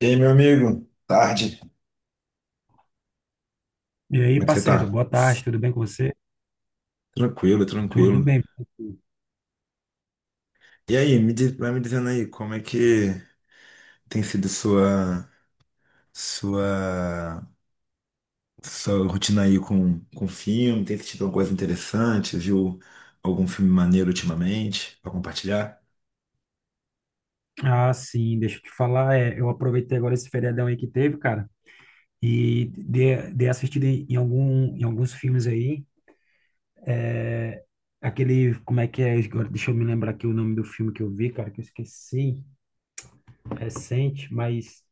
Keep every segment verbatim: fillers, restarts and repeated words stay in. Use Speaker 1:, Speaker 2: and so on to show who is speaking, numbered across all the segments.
Speaker 1: E aí, meu amigo? Tarde.
Speaker 2: E aí,
Speaker 1: Como é que você
Speaker 2: parceiro,
Speaker 1: tá?
Speaker 2: boa tarde, tudo bem com você?
Speaker 1: Tranquilo,
Speaker 2: Tudo
Speaker 1: tranquilo.
Speaker 2: bem.
Speaker 1: E aí, me diz- vai me dizendo aí, como é que tem sido sua sua sua rotina aí com com filme? Tem assistido alguma coisa interessante? Viu algum filme maneiro ultimamente pra compartilhar?
Speaker 2: Ah, sim, deixa eu te falar, é, eu aproveitei agora esse feriadão aí que teve, cara, e dei, dei assistida em, em algum, em alguns filmes aí, aquele, como é que é, agora deixa eu me lembrar aqui o nome do filme que eu vi, cara, que eu esqueci, recente, mas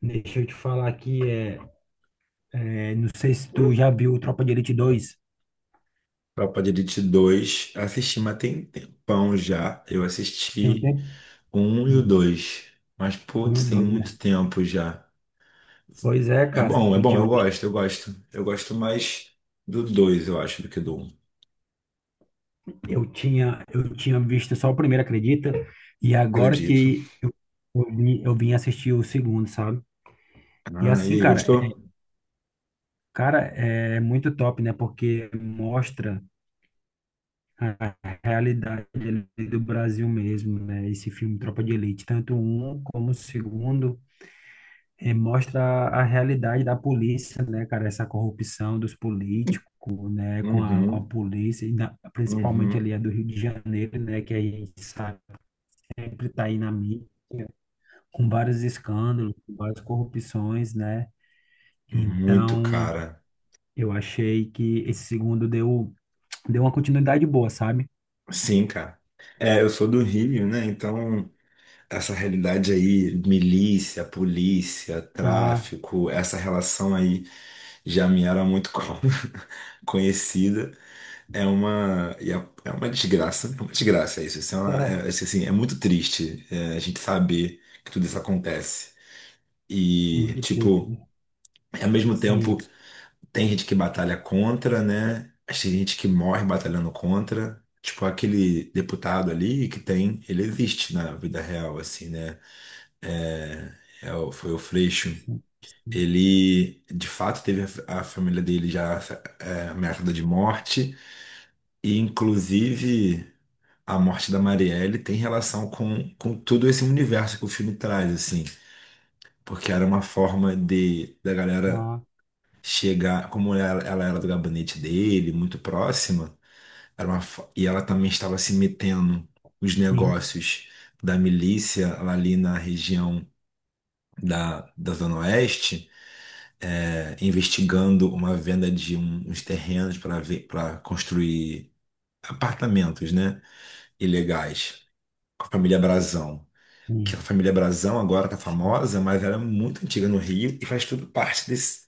Speaker 2: deixa eu te falar aqui, é, é, não sei se tu já viu Tropa de Elite dois.
Speaker 1: Tropa de Elite dois assisti, mas tem tempão já. Eu
Speaker 2: Tem um
Speaker 1: assisti
Speaker 2: tempo?
Speaker 1: o um e o
Speaker 2: Hum,
Speaker 1: dois, mas
Speaker 2: um,
Speaker 1: putz, tem
Speaker 2: dois, né?
Speaker 1: muito tempo já.
Speaker 2: Pois é,
Speaker 1: É
Speaker 2: cara,
Speaker 1: bom, é
Speaker 2: eu
Speaker 1: bom,
Speaker 2: tinha
Speaker 1: eu
Speaker 2: visto
Speaker 1: gosto, eu gosto. Eu gosto mais do dois, eu acho, do que do um.
Speaker 2: Eu tinha, eu tinha visto só o primeiro, acredita? E agora
Speaker 1: Acredito.
Speaker 2: que eu, eu vim eu vim assistir o segundo, sabe? E
Speaker 1: Ah, e
Speaker 2: assim,
Speaker 1: aí,
Speaker 2: cara, é,
Speaker 1: gostou?
Speaker 2: cara, é muito top, né? Porque mostra a realidade ali do Brasil mesmo, né? Esse filme Tropa de Elite, tanto um como o segundo, eh, mostra a realidade da polícia, né, cara? Essa corrupção dos políticos, né? Com a, com a
Speaker 1: Uhum,
Speaker 2: polícia, e na- principalmente
Speaker 1: uhum.
Speaker 2: ali a do Rio de Janeiro, né? Que a gente sabe sempre está aí na mídia, com vários escândalos, com várias corrupções, né?
Speaker 1: Muito,
Speaker 2: Então,
Speaker 1: cara.
Speaker 2: eu achei que esse segundo deu, deu, uma continuidade boa, sabe?
Speaker 1: Sim, cara. É, eu sou do Rio, né? Então, essa realidade aí, milícia, polícia,
Speaker 2: Ah,
Speaker 1: tráfico, essa relação aí já me era muito co- conhecida. É uma, e é é uma desgraça, é uma desgraça isso. Isso é, uma-
Speaker 2: Ah,
Speaker 1: é- isso, assim, é muito triste, é, a gente saber que tudo isso acontece. E,
Speaker 2: muito triste,
Speaker 1: tipo,
Speaker 2: né?
Speaker 1: ao mesmo tempo,
Speaker 2: Sim,
Speaker 1: tem gente que batalha contra, né? Mas tem gente que morre batalhando contra. Tipo, aquele deputado ali que tem, ele existe na vida real, assim, né? É, é o- foi o Freixo.
Speaker 2: sim, sim.
Speaker 1: Ele, de fato, teve a, a família dele já, é, ameaçada de morte. E, inclusive, a morte da Marielle tem relação com, com todo esse universo que o filme traz, assim, porque era uma forma de da galera
Speaker 2: Ah,
Speaker 1: chegar, como ela, ela era do gabinete dele, muito próxima, era uma, fo- e ela também estava se metendo nos
Speaker 2: sim,
Speaker 1: negócios da milícia lá ali na região da, da Zona Oeste, é, investigando uma venda de um- uns terrenos para ver, para construir apartamentos, né, ilegais, com a família Brazão. Que é a
Speaker 2: sim,
Speaker 1: família Brazão agora tá
Speaker 2: sim,
Speaker 1: famosa, mas ela é muito antiga no Rio e faz tudo parte desse,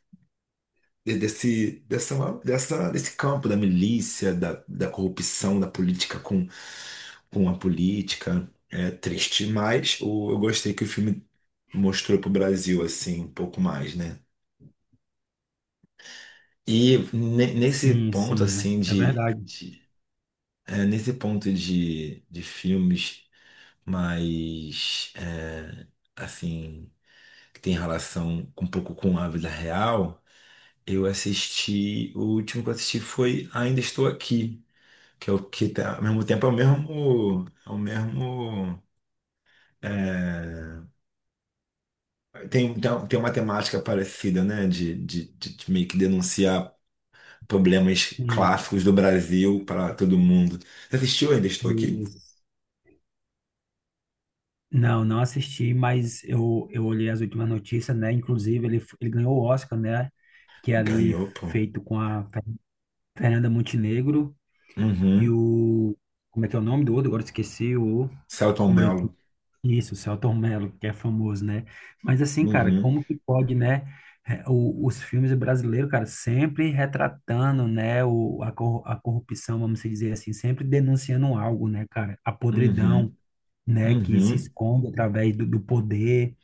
Speaker 1: de- desse, dessa, dessa, desse campo da milícia, da, da corrupção, da política com, com a política. É triste, mas o, eu gostei que o filme mostrou pro Brasil, assim, um pouco mais, né? E ne- nesse
Speaker 2: sim,
Speaker 1: ponto,
Speaker 2: sim, é,
Speaker 1: assim,
Speaker 2: é
Speaker 1: de,
Speaker 2: verdade.
Speaker 1: de é, nesse ponto de, de filmes mais, é, assim, que tem relação um pouco com a vida real, eu assisti. O último que eu assisti foi Ainda Estou Aqui, que é o que tá, ao mesmo tempo é o mesmo, é o mesmo, é, tem, tem tem uma temática parecida, né, de, de, de, de meio que denunciar problemas
Speaker 2: Sim,
Speaker 1: clássicos do Brasil para todo mundo. Você assistiu Ainda Estou Aqui?
Speaker 2: isso. Não, não assisti, mas eu, eu olhei as últimas notícias, né? Inclusive, ele, f- ele ganhou o Oscar, né? Que é ali
Speaker 1: Ganhou, pô.
Speaker 2: feito com a Fernanda Montenegro e
Speaker 1: Uhum.
Speaker 2: o. Como é que é o nome do outro? Agora eu esqueci o
Speaker 1: Selton
Speaker 2: o Branquinho.
Speaker 1: Mello.
Speaker 2: Isso, o Selton Mello, que é famoso, né? Mas assim, cara,
Speaker 1: Uhum,
Speaker 2: como que pode, né? É, o- os filmes brasileiros, cara, sempre retratando, né, o, a, cor- a corrupção, vamos dizer assim, sempre denunciando algo, né, cara? A podridão,
Speaker 1: uhum,
Speaker 2: né, que se
Speaker 1: uhum,
Speaker 2: esconde através do, do poder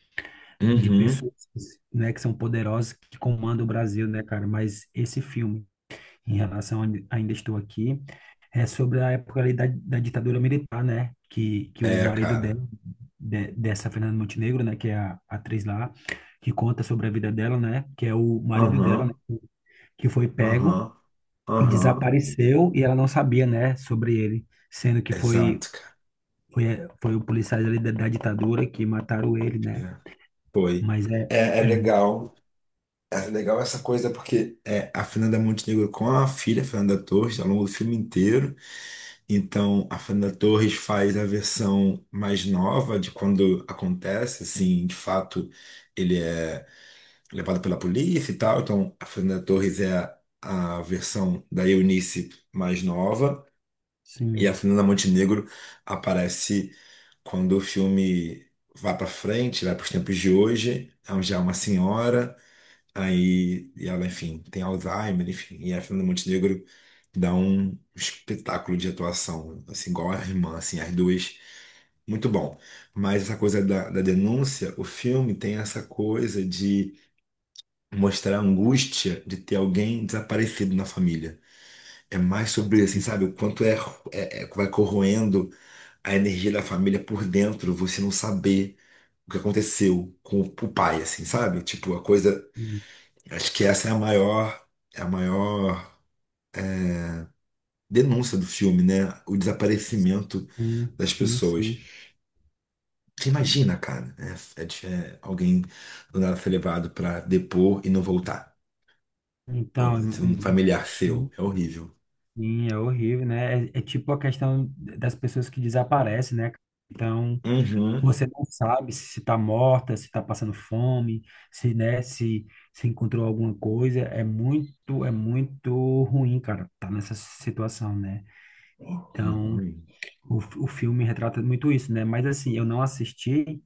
Speaker 2: de
Speaker 1: uhum.
Speaker 2: pessoas, né, que são poderosas, que comandam o Brasil, né, cara? Mas esse filme em relação a onde ainda estou aqui, é sobre a época ali da, da ditadura militar, né? Que, que o
Speaker 1: É,
Speaker 2: marido
Speaker 1: cara.
Speaker 2: dela, de- dessa Fernanda Montenegro, né? Que é a atriz lá, que conta sobre a vida dela, né? Que é o marido dela, né?
Speaker 1: Aham,
Speaker 2: Que foi pego
Speaker 1: aham.
Speaker 2: e
Speaker 1: Aham.
Speaker 2: desapareceu e ela não sabia, né? Sobre ele, sendo que foi
Speaker 1: Exato,
Speaker 2: foi, foi o policiais ali da, da ditadura que mataram ele, né?
Speaker 1: cara. Foi.
Speaker 2: Mas é,
Speaker 1: É, é
Speaker 2: é mu-
Speaker 1: legal. É legal essa coisa porque, é, a Fernanda Montenegro com a filha Fernanda Torres ao longo do filme inteiro. Então, a Fernanda Torres faz a versão mais nova de quando acontece, assim, de fato, ele é levado pela polícia e tal. Então, a Fernanda Torres é a, a versão da Eunice mais nova. E a
Speaker 2: sim,
Speaker 1: Fernanda Montenegro aparece quando o filme vai para frente, vai para os tempos de hoje, onde já é uma senhora, aí e ela, enfim, tem Alzheimer, enfim, e a Fernanda Montenegro dá um espetáculo de atuação, assim, igual a irmã, assim, as duas, muito bom. Mas essa coisa da, da denúncia, o filme tem essa coisa de mostrar a angústia de ter alguém desaparecido na família. É mais sobre, assim, sabe, o quanto é, é é- vai corroendo a energia da família por dentro, você não saber o que aconteceu com o o pai, assim, sabe? Tipo, a coisa.
Speaker 2: sim,
Speaker 1: Acho que essa é a maior, é a maior denúncia do filme, né? O desaparecimento
Speaker 2: sim,
Speaker 1: das
Speaker 2: sim.
Speaker 1: pessoas.
Speaker 2: Sim.
Speaker 1: Você
Speaker 2: E,
Speaker 1: imagina, cara, né? É, de- é alguém do nada ser levado pra depor e não voltar. Ou
Speaker 2: Então,
Speaker 1: um
Speaker 2: em- em-
Speaker 1: familiar seu.
Speaker 2: sim,
Speaker 1: É horrível.
Speaker 2: sim, é horrível, né? É, é tipo a questão das pessoas que desaparecem, né? Então,
Speaker 1: Uhum.
Speaker 2: você não sabe se está morta, se está passando fome, se, né, se, se encontrou alguma coisa. É muito, é muito ruim, cara, tá nessa situação, né? Então,
Speaker 1: Uhum.
Speaker 2: o, o filme retrata muito isso, né? Mas assim, eu não assisti,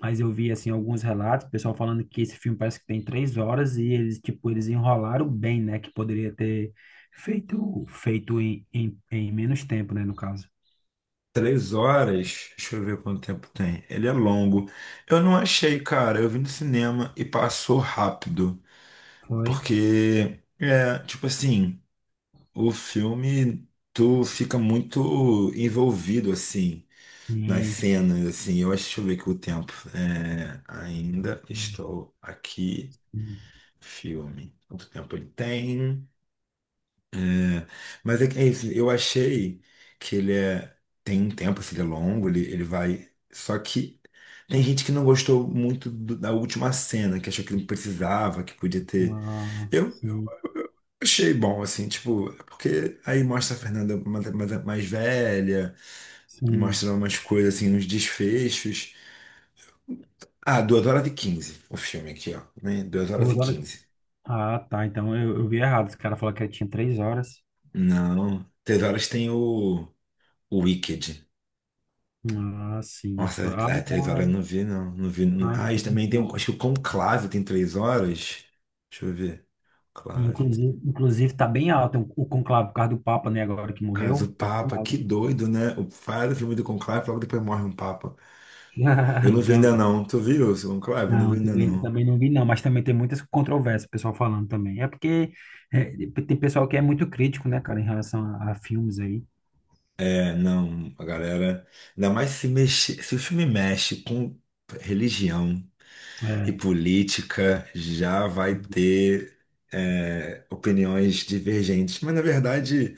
Speaker 2: mas eu vi, assim, alguns relatos, o pessoal falando que esse filme parece que tem três horas e eles, tipo, eles enrolaram bem, né? Que poderia ter feito, feito em, em, em menos tempo, né, no caso.
Speaker 1: Três horas, deixa eu ver quanto tempo tem. Ele é longo. Eu não achei, cara. Eu vi no cinema e passou rápido.
Speaker 2: Foi?
Speaker 1: Porque, é, tipo assim, o filme, tu fica muito envolvido, assim, nas
Speaker 2: Sim.
Speaker 1: cenas, assim. Eu acho, deixa eu ver aqui o tempo. É, ainda
Speaker 2: Sim.
Speaker 1: estou aqui.
Speaker 2: Sim.
Speaker 1: Filme. Quanto tempo ele tem? Né? Mas é, que- é isso, eu achei que ele é. Tem um tempo, assim, ele é longo, ele, ele vai. Só que tem gente que não gostou muito do- da última cena, que achou que não precisava, que podia ter.
Speaker 2: Ah,
Speaker 1: Eu
Speaker 2: sim.
Speaker 1: achei bom, assim, tipo, é porque aí mostra a Fernanda mais, mais, mais velha,
Speaker 2: Sim.
Speaker 1: mostra umas coisas, assim, uns desfechos. Ah, duas horas e quinze o filme aqui, ó, né? Duas horas e
Speaker 2: Duas horas.
Speaker 1: quinze.
Speaker 2: Ah, tá. Então eu, eu vi errado. Esse cara falou que ele tinha três horas.
Speaker 1: Não, três horas tem o, o Wicked.
Speaker 2: Ah, sim.
Speaker 1: Nossa,
Speaker 2: Ah,
Speaker 1: é, é, três horas
Speaker 2: então
Speaker 1: eu
Speaker 2: é.
Speaker 1: não vi, não. Não vi, não.
Speaker 2: Ah,
Speaker 1: Ah, isso também tem um.
Speaker 2: então.
Speaker 1: Acho que o Conclave tem três horas. Deixa eu ver. Conclave.
Speaker 2: Inclusive, inclusive tá bem alto o conclave por causa do Papa, né? Agora que
Speaker 1: Cara
Speaker 2: morreu,
Speaker 1: do
Speaker 2: tá bem
Speaker 1: Papa,
Speaker 2: alto.
Speaker 1: que doido, né? O faz o filme do Conclave, logo depois morre um Papa. Eu não vi
Speaker 2: Então,
Speaker 1: ainda não. Tu viu o Conclave? Eu não vi
Speaker 2: não,
Speaker 1: ainda
Speaker 2: também,
Speaker 1: não.
Speaker 2: também não vi, não, mas também tem muitas controvérsias, o pessoal falando também. É porque é, tem pessoal que é muito crítico, né, cara, em relação a, a filmes aí.
Speaker 1: É, não, a galera. Ainda mais se mexer. Se o filme mexe com religião, e
Speaker 2: É,
Speaker 1: política, já vai ter, é, opiniões divergentes. Mas, na verdade,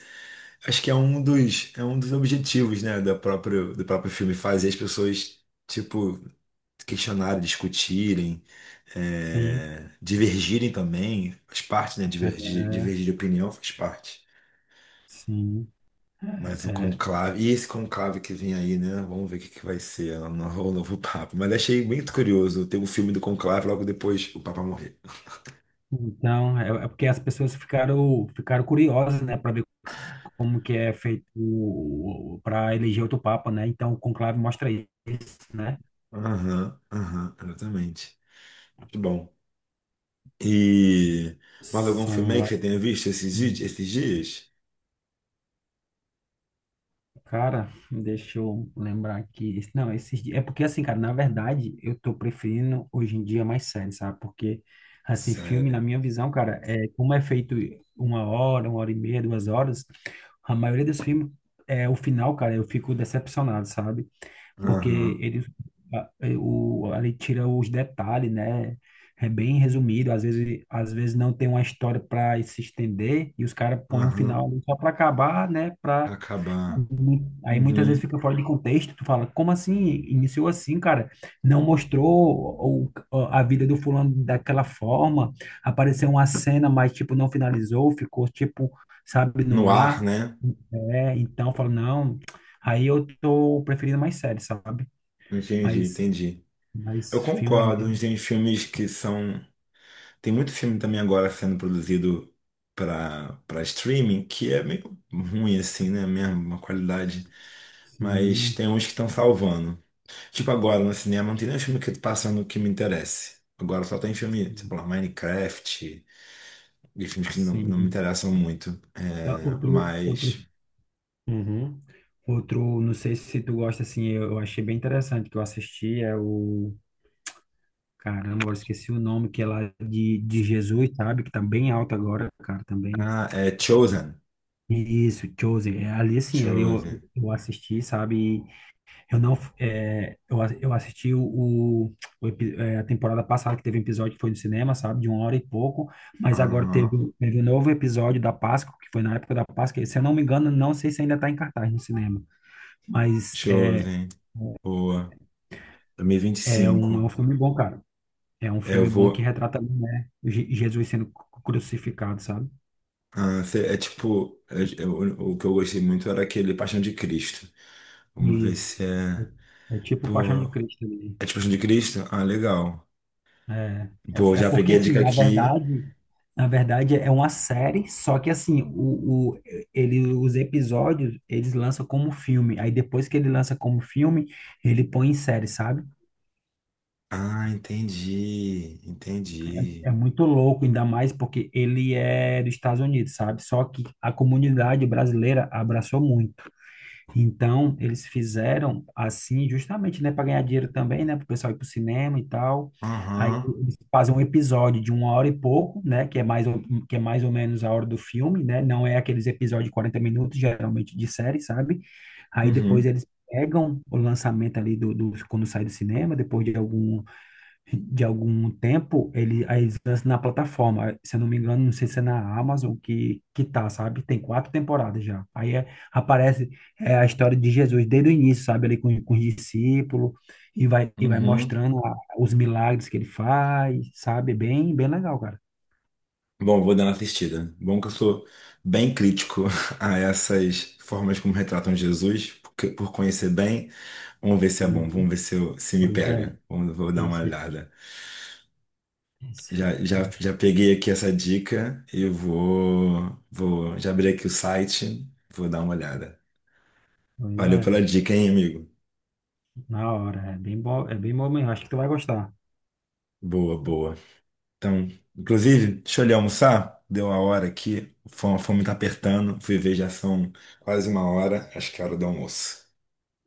Speaker 1: acho que é um dos, é um dos objetivos, né, do próprio, do próprio filme, fazer as pessoas, tipo, questionarem, discutirem,
Speaker 2: sim,
Speaker 1: é, divergirem também. Faz parte, né? Divergir, divergir de opinião faz parte.
Speaker 2: sim.
Speaker 1: Mas o
Speaker 2: É,
Speaker 1: conclave, e esse conclave que vem aí, né? Vamos ver o que que vai ser o novo, o novo Papa. Mas achei muito curioso ter o filme do conclave logo depois o Papa morrer.
Speaker 2: Então, é, é porque as pessoas ficaram, ficaram curiosas, né, para ver como que é feito para eleger outro papa, né? Então, o conclave mostra isso, né?
Speaker 1: Aham, aham, exatamente. Muito bom. E mais algum filme
Speaker 2: São
Speaker 1: aí que
Speaker 2: vários.
Speaker 1: você tenha visto esses, di- esses dias?
Speaker 2: Cara, deixa eu lembrar aqui. Esse- Não, esses dias. É porque, assim, cara, na verdade, eu tô preferindo hoje em dia mais séries, sabe? Porque, assim, filme,
Speaker 1: Sério.
Speaker 2: na minha visão, cara, é como é feito uma hora, uma hora e meia, duas horas, a maioria dos filmes, é, o final, cara, eu fico decepcionado, sabe? Porque
Speaker 1: Aham,
Speaker 2: ele, a- é, o, ele tira os detalhes, né? É bem resumido, às vezes, às vezes não tem uma história para se estender e os caras põem um
Speaker 1: aham.
Speaker 2: final só para acabar, né?
Speaker 1: Acabar.
Speaker 2: Mu- Aí muitas vezes
Speaker 1: Uhum.
Speaker 2: fica fora de contexto, tu fala, como assim? Iniciou assim, cara? Não mostrou o- a vida do fulano daquela forma, apareceu uma cena, mas tipo, não finalizou, ficou tipo, sabe,
Speaker 1: No
Speaker 2: no
Speaker 1: ar,
Speaker 2: ar.
Speaker 1: né?
Speaker 2: É, então eu falo, não, aí eu tô preferindo mais séries, sabe?
Speaker 1: Entendi,
Speaker 2: Mas,
Speaker 1: entendi. Eu
Speaker 2: mas filme
Speaker 1: concordo, uns
Speaker 2: mesmo,
Speaker 1: tem filmes que são. Tem muito filme também agora sendo produzido para para streaming que é meio ruim, assim, né? Mesmo, uma qualidade. Mas
Speaker 2: sim,
Speaker 1: tem uns que estão salvando. Tipo, agora no cinema não tem nenhum filme que passa no que me interesse. Agora só tem filme, tipo lá, Minecraft, e filmes que não, não me
Speaker 2: sim.
Speaker 1: interessam muito.
Speaker 2: Ah,
Speaker 1: É,
Speaker 2: Outro,
Speaker 1: mas.
Speaker 2: outro Uhum. Outro, não sei se tu gosta, assim, eu eu achei bem interessante que eu assisti, é o, caramba, agora esqueci o nome, que é lá de, de Jesus, sabe? Que tá bem alto agora, cara, também.
Speaker 1: Ah, é Chosen.
Speaker 2: Isso, Chosen, é, ali assim, ali eu,
Speaker 1: Chosen.
Speaker 2: eu assisti, sabe? E Eu não, é, eu, a- eu assisti o, o, o epi- é, a temporada passada, que teve um episódio que foi no cinema, sabe? De uma hora e pouco, mas agora teve,
Speaker 1: Aham.
Speaker 2: teve um novo episódio da Páscoa, que foi na época da Páscoa, e se eu não me engano, não sei se ainda tá em cartaz no cinema. Mas é,
Speaker 1: Chosen. Boa.
Speaker 2: É um, é
Speaker 1: dois mil e vinte e cinco.
Speaker 2: um filme bom, cara. É um
Speaker 1: É, eu
Speaker 2: filme bom que
Speaker 1: vou.
Speaker 2: retrata, né, Je- Jesus sendo cru- crucificado, sabe?
Speaker 1: Ah, cê- é tipo. é- é o, o que eu gostei muito era aquele Paixão de Cristo. Vamos ver
Speaker 2: Isso.
Speaker 1: se é.
Speaker 2: É, é tipo Paixão
Speaker 1: Pô.
Speaker 2: de Cristo ali.
Speaker 1: É tipo Paixão de Cristo? Ah, legal.
Speaker 2: É, é,
Speaker 1: Pô,
Speaker 2: é
Speaker 1: já peguei
Speaker 2: porque,
Speaker 1: a
Speaker 2: assim,
Speaker 1: dica
Speaker 2: na
Speaker 1: aqui.
Speaker 2: verdade, na verdade é uma série, só que, assim, o, o, ele, os episódios, eles lançam como filme. Aí, depois que ele lança como filme, ele põe em série, sabe?
Speaker 1: Ah, entendi, entendi.
Speaker 2: É muito louco, ainda mais porque ele é dos Estados Unidos, sabe? Só que a comunidade brasileira abraçou muito. Então, eles fizeram assim, justamente, né, para ganhar dinheiro também, né, para o pessoal ir para o cinema e tal. Aí
Speaker 1: Aham,
Speaker 2: eles fazem um episódio de uma hora e pouco, né, que é mais ou, que é mais ou menos a hora do filme, né, não é aqueles episódios de quarenta minutos, geralmente de série, sabe? Aí depois
Speaker 1: uhum,
Speaker 2: eles pegam o lançamento ali do, do- quando sai do cinema, depois de algum, de algum tempo, ele, aí eles lançam na plataforma. Se eu não me engano, não sei se é na Amazon que, que tá, sabe? Tem quatro temporadas já. Aí é- aparece é, a história de Jesus desde o início, sabe? Ali com, com os discípulos, e vai, e vai
Speaker 1: uhum.
Speaker 2: mostrando a- os milagres que ele faz, sabe? Bem, bem legal, cara.
Speaker 1: Bom, vou dar uma assistida. Bom que eu sou bem crítico a essas formas como retratam Jesus, porque, por conhecer bem, vamos ver se é bom,
Speaker 2: Uhum.
Speaker 1: vamos ver se, eu- se me
Speaker 2: Pois é,
Speaker 1: pega. Vamos, vou dar uma
Speaker 2: esse,
Speaker 1: olhada. Já,
Speaker 2: esse,
Speaker 1: já, já peguei aqui essa dica e vou, vou já abri aqui o site, vou dar uma olhada.
Speaker 2: pois
Speaker 1: Valeu pela
Speaker 2: é,
Speaker 1: dica, hein, amigo?
Speaker 2: na hora, é bem bom, é bem bom mesmo, acho que tu vai gostar.
Speaker 1: Boa, boa. Então, inclusive, deixa eu ali almoçar. Deu a hora aqui. A fome a fome tá apertando. Fui ver, já são quase uma hora. Acho que é hora do almoço.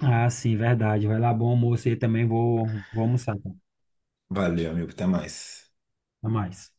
Speaker 2: Ah, sim, verdade, vai lá, bom almoço aí também, vou, vou almoçar, tá?
Speaker 1: Valeu, amigo. Até mais.
Speaker 2: Até mais.